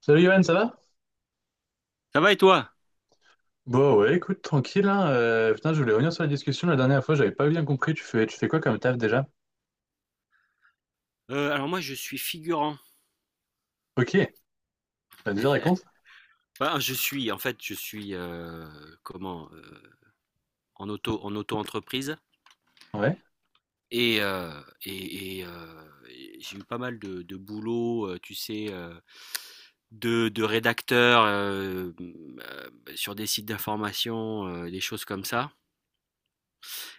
Salut Johan, ça va? Ça va et toi? Bon, ouais, écoute, tranquille, hein. Putain, je voulais revenir sur la discussion la dernière fois, j'avais pas bien compris, tu fais quoi comme taf déjà? Alors moi je suis figurant. Ok, vas-y, raconte. Enfin, je suis, en fait, je suis, comment? En auto-entreprise Ouais. et et et j'ai eu pas mal de boulot, tu sais, de rédacteur, sur des sites d'information, des choses comme ça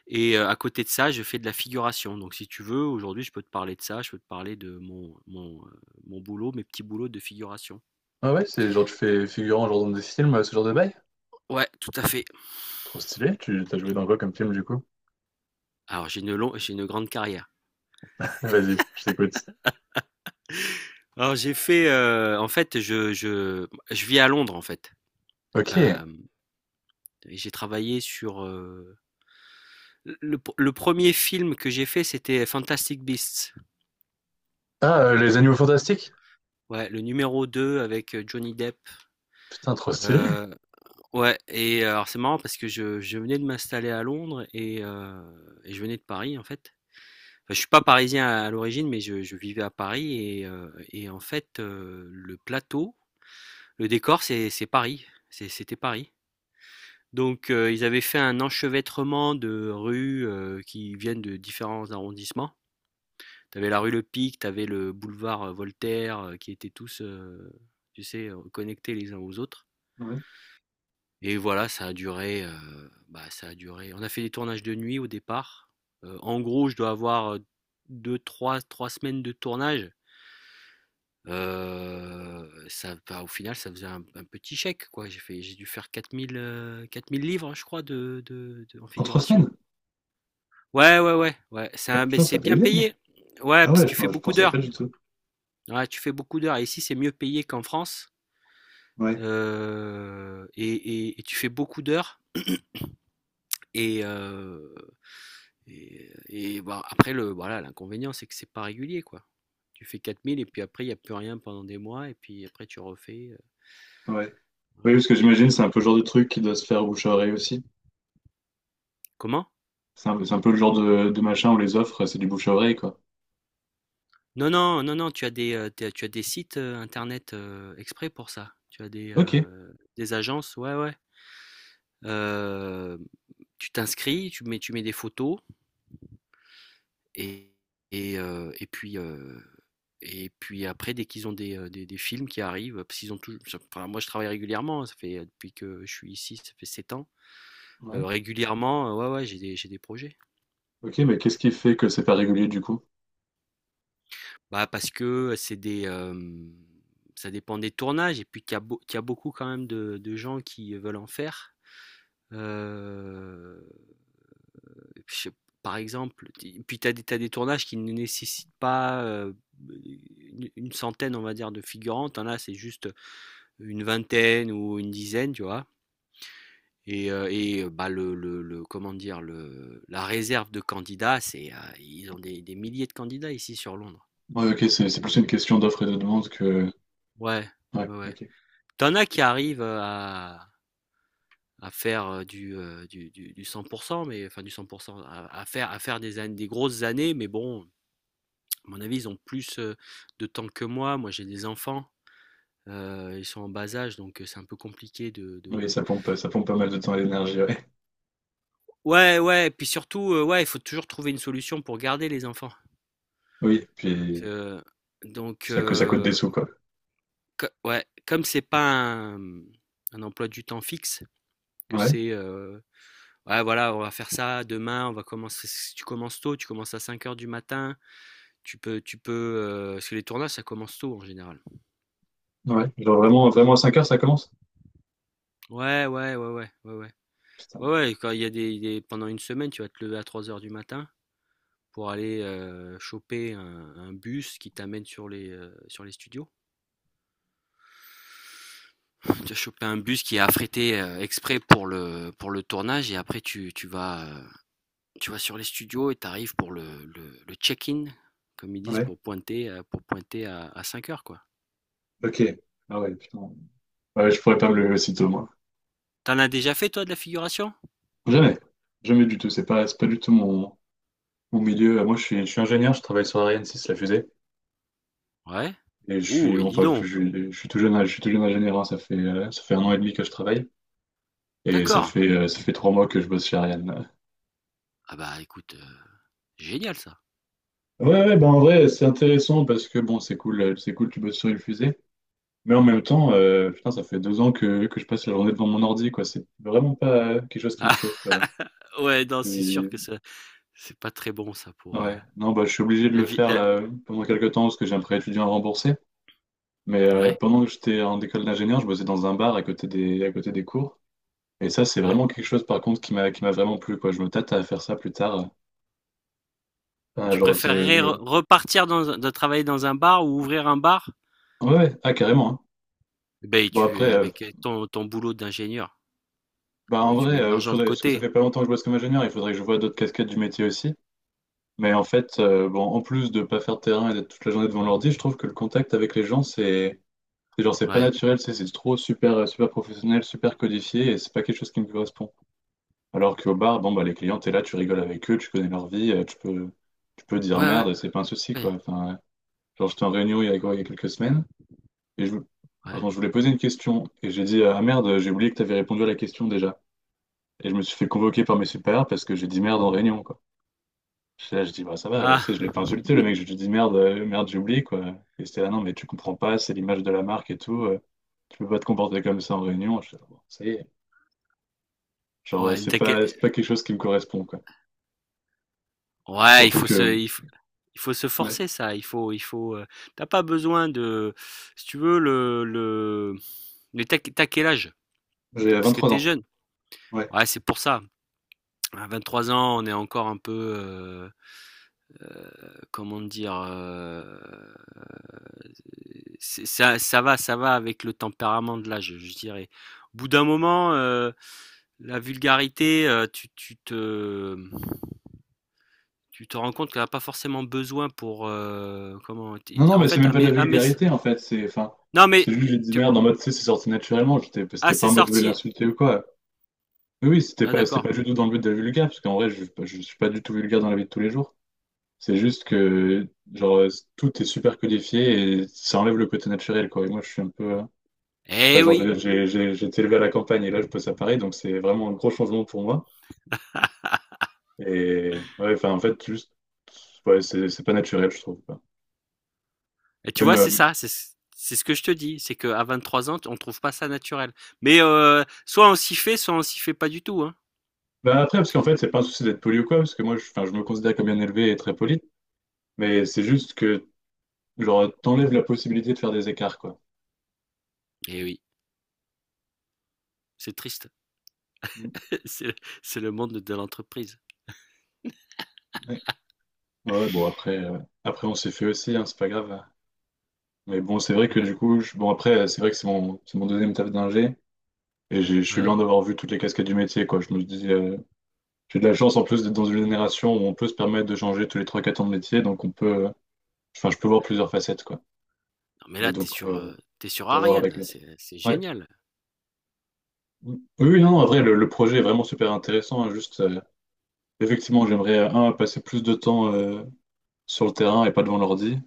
et à côté de ça, je fais de la figuration. Donc si tu veux, aujourd'hui, je peux te parler de ça, je peux te parler de mon boulot, mes petits boulots de figuration. Ah ouais, c'est genre tu fais figurant genre dans des films, ce genre de bail? Ouais, tout à fait. Trop stylé, tu t'as joué dans quoi comme film du coup? Alors j'ai une grande carrière. Vas-y, je t'écoute. Alors j'ai fait, en fait je vis à Londres en fait, Ok. hem et j'ai travaillé sur, le premier film que j'ai fait c'était Fantastic Beasts. Ah, les animaux fantastiques? Ouais, le numéro 2 avec, Johnny Depp. Putain, trop stylé. Heu, ouais et alors c'est marrant parce que je venais de m'installer à Londres et je venais de Paris en fait. Enfin je suis pas parisien à l'origine mais je vivais à Paris et en fait, le plateau, le décor c'est Paris, c'était Paris. Donc ils avaient fait un enchevêtrement de rues qui viennent de différents arrondissements. T'avais la rue Le Pic, t'avais le boulevard Voltaire, qui étaient tous, tu sais, connectés les uns aux autres. Ouais. Et voilà, ça a duré, bah, ça a duré. On a fait des tournages de nuit au départ. En gros, je dois avoir deux, trois semaines de tournage. Ça, bah, au final, ça faisait un petit chèque, quoi. J'ai dû faire 4 000 livres, je crois, en En trois figuration. semaines? Ouais, ouais, ouais, ouais, Ah, ça, mais putain, ça c'est paye bien bien, non? payé. Ouais, Ah parce ouais, que tu fais je beaucoup pensais d'heures. pas du tout. Ouais, tu fais beaucoup d'heures. Et ici, c'est mieux payé qu'en France. Ouais, Euh, et, et tu fais beaucoup d'heures. Et, euh, et, Bah, après, voilà, l'inconvénient, c'est que c'est pas régulier, quoi. Tu fais 4 000 et puis après, il n'y a plus rien pendant des mois. Et puis après, tu refais. Ouais. Oui, Voilà. parce que j'imagine c'est Ouais. un peu le genre de truc qui doit se faire bouche à oreille aussi. Comment? C'est un peu le genre de machin où les offres, c'est du bouche à oreille, quoi. Non, non, non, non, tu as des sites internet exprès pour ça. Tu as des, Ok, euh, des agences, ouais, ouais. Euh, Tu t'inscris, tu mets des photos et, et, euh, et puis euh, et puis après dès qu'ils ont des films qui arrivent, parce qu'ils ont tout. Enfin, moi je travaille régulièrement, ça fait depuis que je suis ici, ça fait 7 ans. ouais. Régulièrement, ouais, ouais, j'ai des projets. Ok, mais qu'est-ce qui fait que c'est pas régulier du coup? Bah parce que c'est des ça dépend des tournages et puis qu'il y a beaucoup quand même de gens qui veulent en faire. Euh, je sais- Par exemple, puis t'as des tournages qui ne nécessitent pas une centaine, on va dire, de figurants. T'en as, c'est juste une vingtaine ou une dizaine, tu vois. Bah, comment dire, la réserve de candidats, c'est, ils ont des milliers de candidats ici sur Londres. Ouais, ok, c'est plus une question d'offre et de demande que. Ouais, Ouais, ouais, ouais. ok. T'en as qui arrivent à faire du 100%, mais enfin du 100%, à faire des grosses années, mais bon, à mon avis, ils ont plus de temps que moi. Moi, j'ai des enfants. Ils sont en bas âge, donc c'est un peu compliqué de, Oui, de- ça pompe pas mal de temps et d'énergie, ouais. Ouais, ouais. Et puis surtout, ouais, il faut toujours trouver une solution pour garder les enfants. Oui, Donc, puis euh, donc, ça, ça coûte des euh, sous, quoi. Ouais, comme c'est pas un emploi du temps fixe, que Ouais, c'est, ouais, voilà, on va faire ça demain, on va commencer. Si tu commences tôt, tu commences à 5 heures du matin. Tu peux, parce que les tournages, ça commence tôt en général. ouais. Genre vraiment, vraiment à 5 heures, ça commence? Ouais, ouais, ouais, ouais, ouais, ouais. Ouais, Putain. ouais, quand il y a pendant une semaine, tu vas te lever à 3 heures du matin pour aller choper un bus qui t'amène sur sur les studios. Tu vas choper un bus qui est affrété exprès pour pour le tournage et après tu vas sur les studios et tu arrives pour le check-in, comme ils disent, Ouais, pour pointer à 5 heures, quoi. ok. Ah ouais, putain. Ouais, je pourrais pas me lever aussitôt, moi. T'en as déjà fait, toi, de la figuration? Jamais. Jamais du tout. C'est pas du tout mon, mon milieu. Moi, je suis ingénieur, je travaille sur Ariane 6, la fusée. Ouais. Et Ouh, et dis donc. Je suis tout jeune, je suis tout jeune ingénieur, hein, ça fait 1 an et demi que je travaille et D'accord. Ça fait 3 mois que je bosse chez Ariane. Ah bah écoute, génial ça. Ouais, ouais, ben en vrai, c'est intéressant parce que bon, c'est cool, tu bosses sur une fusée, mais en même temps, putain, ça fait 2 ans que je passe la journée devant mon ordi, quoi. C'est vraiment pas quelque chose qui me chauffe. Ah, ouais, non, c'est sûr Je que ça, c'est pas très bon ça pour, Ouais, non, bah, je suis obligé de la le vie faire la là pendant quelques temps parce que j'ai un prêt étudiant à rembourser, mais ouais, pendant que j'étais en école d'ingénieur, je bossais dans un bar à côté des cours. Et ça, c'est ouais. vraiment quelque chose, par contre, qui m'a vraiment plu, quoi. Je me tâte à faire ça plus tard. Ah, Tu genre, préférerais re repartir dans un de travailler dans un bar ou ouvrir un bar? Ouais, ouais, ah, carrément, hein. Ben Bon, tu avec ton boulot d'ingénieur, ah en bah, tu mets vrai, de l'argent de faudrait... parce que ça côté. fait pas longtemps que je bosse comme ingénieur, il faudrait que je voie d'autres casquettes du métier aussi. Mais en fait, bon, en plus de pas faire de terrain et d'être toute la journée devant l'ordi, je trouve que le contact avec les gens, c'est pas Ouais. naturel, c'est trop super, super professionnel, super codifié, et c'est pas quelque chose qui me correspond. Alors qu'au bar, bon, bah, les clients, t'es là, tu rigoles avec eux, tu connais leur vie, tu peux dire Ouais, ouais, merde, c'est pas un souci, ouais, quoi. Enfin, genre, j'étais en réunion il y a, quoi, il y a quelques semaines, et je, ouais. pardon, je voulais poser une question, et j'ai dit, ah merde, j'ai oublié que t'avais répondu à la question déjà. Et je me suis fait convoquer par mes supérieurs parce que j'ai dit merde en réunion, quoi. Là, je dis, bah ça va, tu Ah! sais, je l'ai pas insulté, le mec, je lui ai dit merde, merde, j'ai oublié, quoi. Et c'était là, non, mais tu comprends pas, c'est l'image de la marque et tout, tu peux pas te comporter comme ça en réunion. Je fais, bon, ça y est. Genre, Ouais, t'inquiè c'est pas quelque chose qui me correspond, quoi. ouais, Surtout que, il faut se ouais, forcer ça, tu pas besoin de si tu veux le mais tu as quel âge? Tu j'ai Parce que trois t'es ans. jeune. Ouais. Ouais, c'est pour ça. À 23 ans, on est encore un peu, euh, comment dire, ça va avec le tempérament de l'âge, je dirais. Au bout d'un moment, la vulgarité, tu te rends compte qu'elle n'a pas forcément besoin pour, comment, Non, non, en mais c'est fait, même pas de la vulgarité en fait. C'est, enfin, non c'est mais, juste j'ai dit tu, merde en mode, tu sais, c'est sorti naturellement. J'étais, ah c'était pas c'est en mode je voulais sorti, l'insulter ou quoi. Oui, oui, ah c'était d'accord, pas du tout dans le but de la vulgaire, parce qu'en vrai, je suis pas du tout vulgaire dans la vie de tous les jours. C'est juste que, genre, tout est super codifié et ça enlève le côté naturel, quoi. Et moi, je suis un peu. Enfin, eh genre, oui, j'ai été élevé à la campagne et là, je peux à Paris, donc c'est vraiment un gros changement pour moi. Et ouais, enfin, en fait, juste, ouais, c'est pas naturel, je trouve, quoi. et tu Même, vois euh, c'est ça, c'est ce que je te dis, c'est qu'à 23 ans, on trouve pas ça naturel. Mais soit on s'y fait, soit on s'y fait pas du tout, hein. Ben après, parce qu'en fait, c'est pas un souci d'être poli ou quoi, parce que moi, je, enfin, je me considère comme bien élevé et très poli, mais c'est juste que, genre, t'enlèves la possibilité de faire des écarts, quoi. Eh oui. C'est triste. Mm. C'est c'est le monde de l'entreprise. Ouais, ouais, après on s'est fait aussi, hein, c'est pas grave. Mais bon, c'est vrai que Heu, du coup, c'est vrai que c'est mon deuxième taf d'ingé, et je suis ouais. loin d'avoir vu toutes les casquettes du métier, quoi. Je me dis, j'ai de la chance en plus d'être dans une génération où on peut se permettre de changer tous les trois quatre ans de métier, donc on peut, enfin, je peux voir plusieurs facettes, quoi. Non mais Mais là, donc, on tu sur peut voir avec Ariane, l'autre. C'est génial. Oui, oui, non, non, en Heu, vrai, le projet est vraiment super intéressant, hein, juste, effectivement, j'aimerais, un, passer plus de temps sur le terrain et pas devant l'ordi.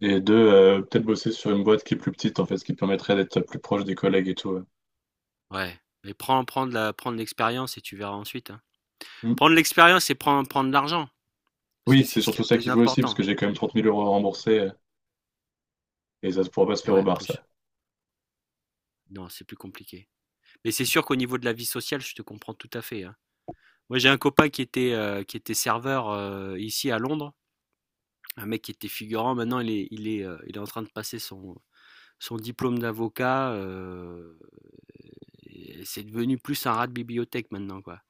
Et deux, peut-être bosser sur une boîte qui est plus petite, en fait, ce qui permettrait d'être plus proche des collègues et tout, ouais. ouais, mais prends de l'expérience et tu verras ensuite, hein. Mm. Prends l'expérience et prendre de l'argent, parce que Oui, c'est c'est ce qu'il y surtout a de ça plus qu'il faut aussi, parce important. que j'ai quand même 30 000 € à rembourser et ça ne pourra pas se Et faire au ouais, en bar, plus. ça. Non, c'est plus compliqué. Mais c'est sûr qu'au niveau de la vie sociale, je te comprends tout à fait, hein. Moi, j'ai un copain qui était serveur, ici à Londres. Un mec qui était figurant, maintenant il est en train de passer son diplôme d'avocat, c'est devenu plus un rat de bibliothèque maintenant, quoi.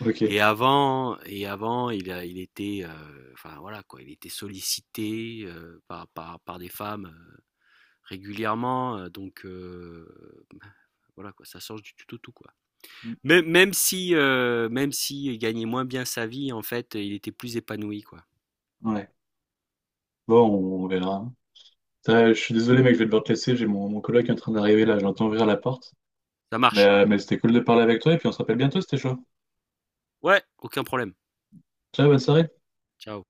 Ok. Et avant, il était, enfin voilà quoi, il était sollicité par des femmes régulièrement, voilà quoi, ça change du tout au tout quoi. Même si il gagnait moins bien sa vie, en fait, il était plus épanoui quoi. Ouais. Bon, on verra. Je suis désolé, mec, je vais devoir te laisser. J'ai mon, mon coloc qui est en train d'arriver là. Je l'entends ouvrir la porte. Ça marche. Mais c'était cool de parler avec toi et puis on se rappelle bientôt, c'était chaud. Ouais, aucun problème. Ciao, bonne soirée. Ciao.